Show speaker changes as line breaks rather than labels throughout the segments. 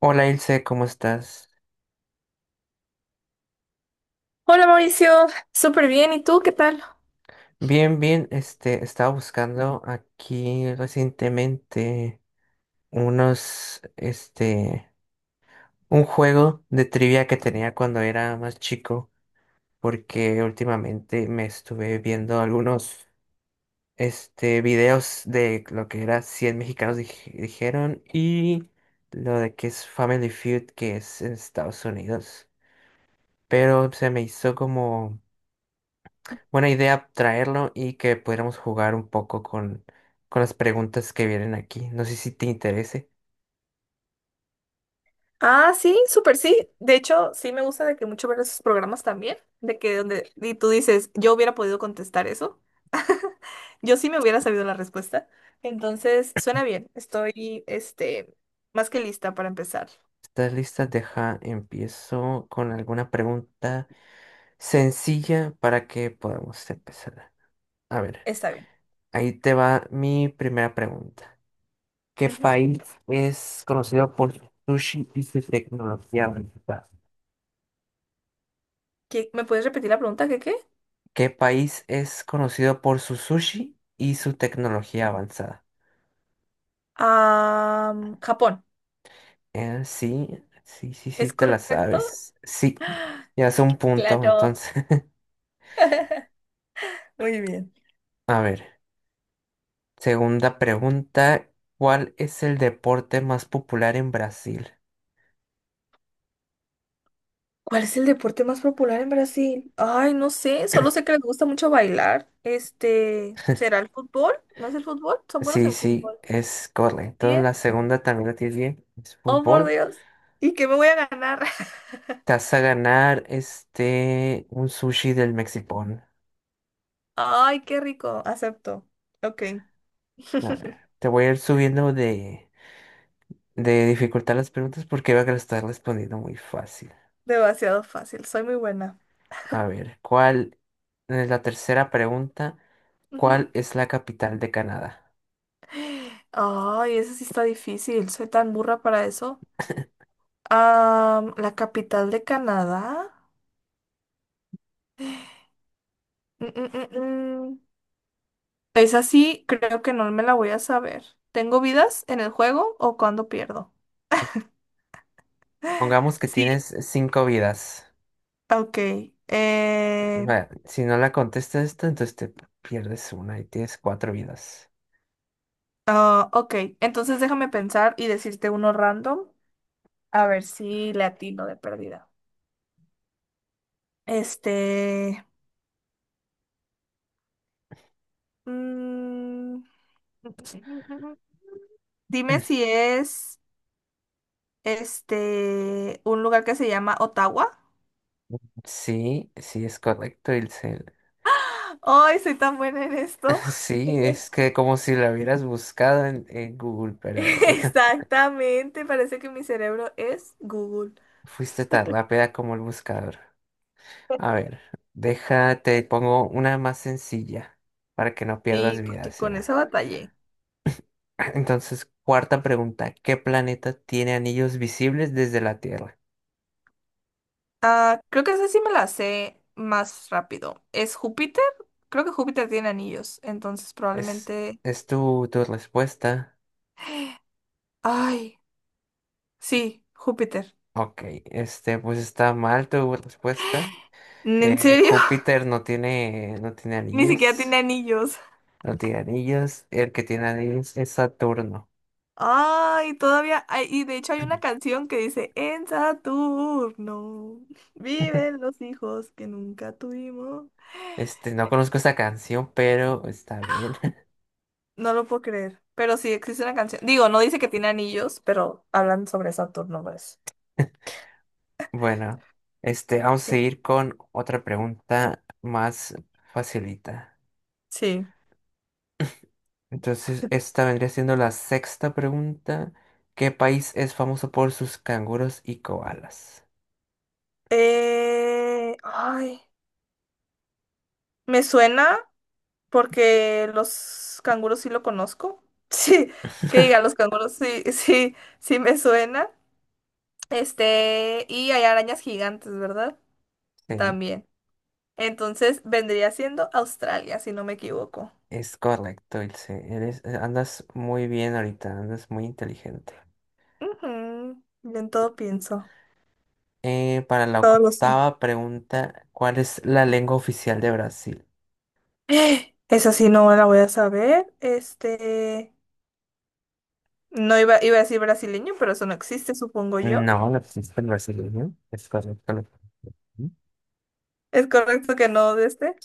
Hola Ilse, ¿cómo estás?
Hola Mauricio, súper bien. ¿Y tú qué tal?
Bien, bien, estaba buscando aquí recientemente unos, este, un juego de trivia que tenía cuando era más chico, porque últimamente me estuve viendo videos de lo que era Cien mexicanos dijeron y lo de que es Family Feud, que es en Estados Unidos, pero se me hizo como buena idea traerlo y que pudiéramos jugar un poco con las preguntas que vienen aquí. No sé si te interese.
Ah, sí, súper sí. De hecho, sí me gusta de que mucho ver esos programas también, de que donde y tú dices, yo hubiera podido contestar eso. Yo sí me hubiera sabido la respuesta. Entonces, suena bien. Estoy, más que lista para empezar.
¿Estás lista? Deja, empiezo con alguna pregunta sencilla para que podamos empezar. A ver,
Está bien.
ahí te va mi primera pregunta. ¿Qué
Ujú.
país es conocido por su sushi y su tecnología avanzada?
¿Me puedes repetir la pregunta? ¿Qué?
¿Qué país es conocido por su sushi y su tecnología avanzada?
Ah, Japón.
Sí, sí,
¿Es
te la
correcto?
sabes. Sí, ya es un punto,
Claro.
entonces.
Muy bien.
A ver, segunda pregunta, ¿cuál es el deporte más popular en Brasil?
¿Cuál es el deporte más popular en Brasil? Ay, no sé, solo sé que les gusta mucho bailar. ¿Será el fútbol? ¿No es el fútbol? Son buenos
Sí,
en
sí,
fútbol.
es correcto.
Bien.
La segunda también la tienes bien, es
Oh, por
fútbol.
Dios. ¿Y qué me voy a ganar?
Te vas a ganar este, un sushi del Mexipón.
Ay, qué rico. Acepto. Ok.
A ver, te voy a ir subiendo de dificultad las preguntas porque veo a estar respondiendo muy fácil.
Demasiado fácil. Soy muy buena.
A ver, ¿cuál es la tercera pregunta?
Ujú.
¿Cuál es la capital de Canadá?
Ay, eso sí está difícil. Soy tan burra para eso. La capital de Canadá. Mm, mm, mm, mm. Es así, creo que no me la voy a saber. ¿Tengo vidas en el juego o cuando pierdo?
Pongamos que
Sí.
tienes cinco vidas.
Ok. eh,
Va, si no la contestas esto, entonces te pierdes una y tienes cuatro vidas.
ah, ok, entonces déjame pensar y decirte uno random. A ver si le atino de pérdida. Este. mm, dime
Mm.
si es un lugar que se llama Ottawa.
Sí, sí es correcto, Ilse.
Ay, soy tan buena en esto.
Sí, es que como si la hubieras buscado en Google, pero
Exactamente, parece que mi cerebro es Google.
fuiste tan rápida como el buscador. A ver, déjate, pongo una más sencilla para que no pierdas
Sí,
vida,
porque con
será.
esa batallé.
Entonces, cuarta pregunta, ¿qué planeta tiene anillos visibles desde la Tierra?
Ah, creo que esa sí me la sé más rápido. ¿Es Júpiter? Creo que Júpiter tiene anillos, entonces
Es,
probablemente...
es tu respuesta.
Ay, sí, Júpiter.
Ok, este, pues está mal tu respuesta.
¿En serio?
Júpiter no tiene
Ni siquiera tiene
anillos.
anillos.
No tiene anillos. El que tiene anillos es Saturno.
Y de hecho hay una canción que dice: "En Saturno viven los hijos que nunca tuvimos".
Este, no conozco esta canción, pero está bien.
No lo puedo creer, pero sí existe una canción. Digo, no dice que tiene anillos, pero hablan sobre Saturno, pues.
Bueno, este, vamos a
¿Qué?
seguir con otra pregunta más facilita.
Sí.
Entonces, esta vendría siendo la sexta pregunta. ¿Qué país es famoso por sus canguros y koalas?
Ay, me suena porque los canguros sí lo conozco. Sí, los canguros sí me suena. Y hay arañas gigantes, ¿verdad?
Sí.
También. Entonces vendría siendo Australia, si no me equivoco.
Es correcto, Ilse. Eres, andas muy bien ahorita, andas muy inteligente.
Ujú, yo en todo pienso,
Para la
todo lo sé.
octava pregunta, ¿cuál es la lengua oficial de Brasil?
Esa sí no la voy a saber. No iba, iba a decir brasileño, pero eso no existe, supongo yo.
No, la pues, es el brasileño. Es correcto. Lo-
Es correcto que no de este.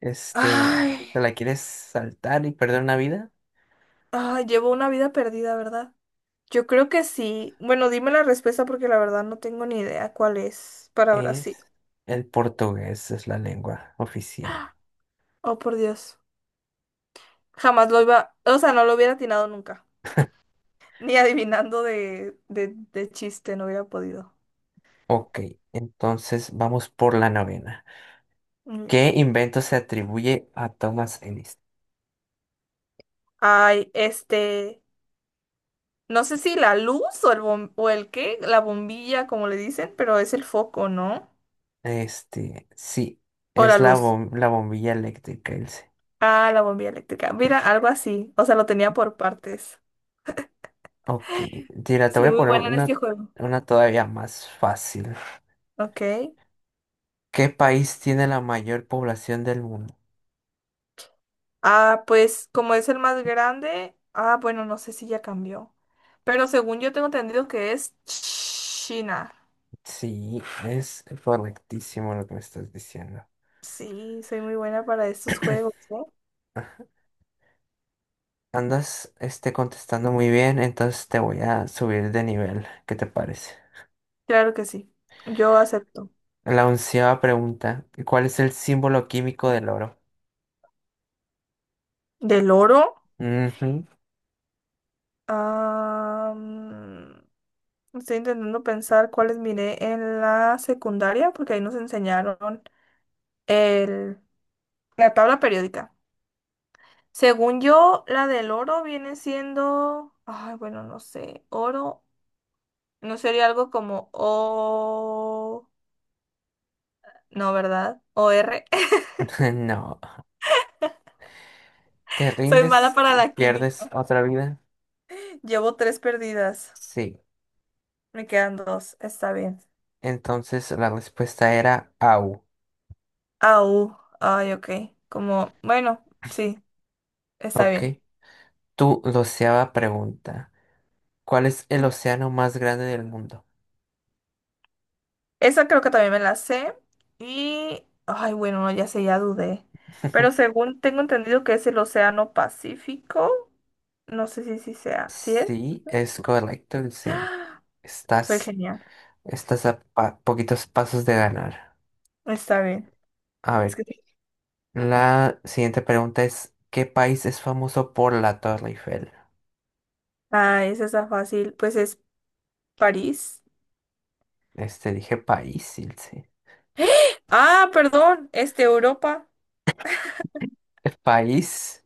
este,
Ay,
¿te la quieres saltar y perder una vida?
ay, llevo una vida perdida, ¿verdad? Yo creo que sí. Bueno, dime la respuesta porque la verdad no tengo ni idea cuál es para
Es
Brasil.
el portugués, es la lengua oficial.
Oh, por Dios. Jamás lo iba, o sea, no lo hubiera atinado nunca. Ni adivinando de chiste, no hubiera podido.
Ok, entonces vamos por la novena.
Muy bien.
¿Qué invento se atribuye a Thomas Edison?
Ay, este, no sé si la luz o el, o el qué, la bombilla, como le dicen, pero es el foco, ¿no?
Este, sí,
O la
es la,
luz.
bom- la bombilla eléctrica, Ilse.
Ah, la bombilla eléctrica. Mira, algo así. O sea, lo tenía por partes.
Ok, mira, te voy
Soy
a
muy
poner
buena en este juego.
una todavía más fácil.
Ok.
¿Qué país tiene la mayor población del mundo?
Ah, pues como es el más grande, ah, bueno, no sé si ya cambió. Pero según yo tengo entendido que es China.
Sí, es correctísimo lo que me estás diciendo.
Sí, soy muy buena para estos juegos, ¿eh?
Andas, este, contestando muy bien, entonces te voy a subir de nivel. ¿Qué te parece?
Claro que sí. Yo acepto.
La onceava pregunta, ¿cuál es el símbolo químico del oro?
¿Del oro?
Ujú.
Ah, mm, estoy intentando pensar cuáles miré en la secundaria, porque ahí nos enseñaron el, la tabla periódica. Según yo, la del oro viene siendo, ay, bueno, no sé, oro. ¿No sería algo como O? No, ¿verdad? ¿O R?
No, ¿te
Soy mala
rindes
para
y
la
pierdes
química.
otra vida?
Llevo tres perdidas.
Sí,
Me quedan dos. Está bien.
entonces la respuesta era AU.
Au. Ay, ok. Como, bueno, sí, está
Ok.
bien.
Tu doceava pregunta. ¿Cuál es el océano más grande del mundo?
Esa creo que también me la sé. Y, ay, bueno, no, ya sé, ya dudé. Pero según tengo entendido que es el Océano Pacífico. No sé si sí sea. ¿Sí es?
Sí, es correcto, el cero.
Soy
Estás,
genial.
Estás a poquitos pasos de ganar.
Está bien.
A
Es
ver,
que sí.
la siguiente pregunta es, ¿qué país es famoso por la Torre Eiffel?
Ay, esa está fácil. Pues es París.
Este, dije país, Ilse.
Ah, perdón, Europa.
¿País?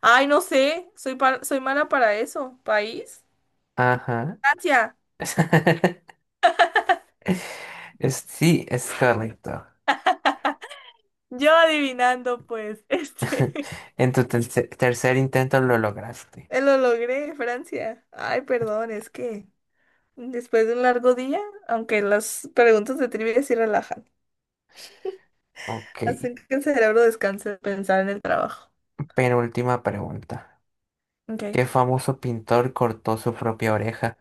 Ay, no sé, soy, soy mala para eso. ¿País?
Ajá.
Francia.
Sí, es correcto.
Yo adivinando, pues,
En tu tercer intento lo lograste.
lo logré, Francia. Ay, perdón, es que después de un largo día, aunque las preguntas de trivia sí relajan,
Ok.
hacen que el cerebro descanse de pensar en el trabajo.
Penúltima pregunta.
Ok.
¿Qué famoso pintor cortó su propia oreja?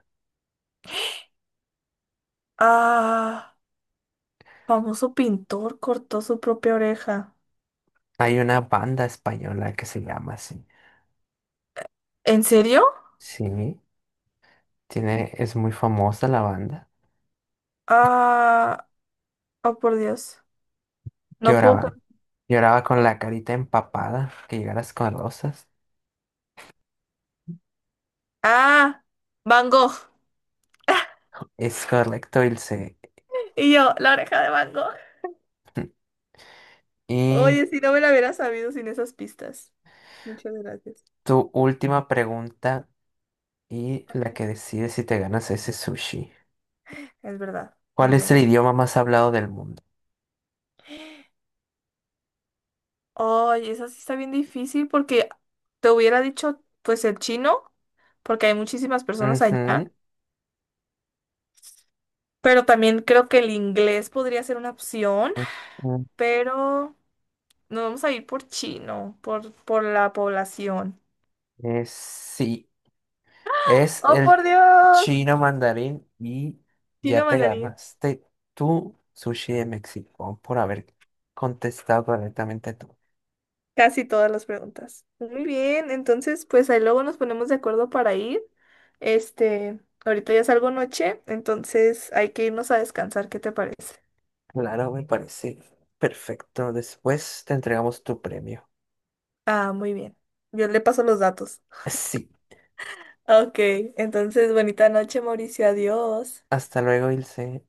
Ah, famoso pintor cortó su propia oreja.
Hay una banda española que se llama así.
¿En serio?
Sí, tiene, es muy famosa la banda.
Ah, oh por Dios. No puedo.
Lloraba, lloraba con la carita empapada, que llegaras con rosas.
Ah, Van Gogh.
Es correcto, Ilse.
Y yo, la oreja de Van Gogh.
Y
Oye, si no me la hubiera sabido sin esas pistas. Muchas gracias.
tu última pregunta y la que decide si te ganas ese sushi.
Es verdad.
¿Cuál
Muy
es
bien.
el idioma más hablado del mundo?
Oye, esa sí está bien difícil porque te hubiera dicho, pues, el chino, porque hay muchísimas personas allá.
Ujú.
Pero también creo que el inglés podría ser una opción.
Mm,
Pero nos vamos a ir por chino, por la población.
sí, es
¡Oh,
el
por Dios!
chino mandarín y ya
Chino
te
mandarín.
ganaste tu sushi de México por haber contestado correctamente tú.
Casi todas las preguntas. Muy bien, entonces pues ahí luego nos ponemos de acuerdo para ir. Este, ahorita ya salgo noche, entonces hay que irnos a descansar, ¿qué te parece?
Claro, me parece perfecto. Después te entregamos tu premio.
Ah, muy bien. Yo le paso los datos.
Sí,
Ok, entonces bonita noche, Mauricio, adiós.
hasta luego, Ilse.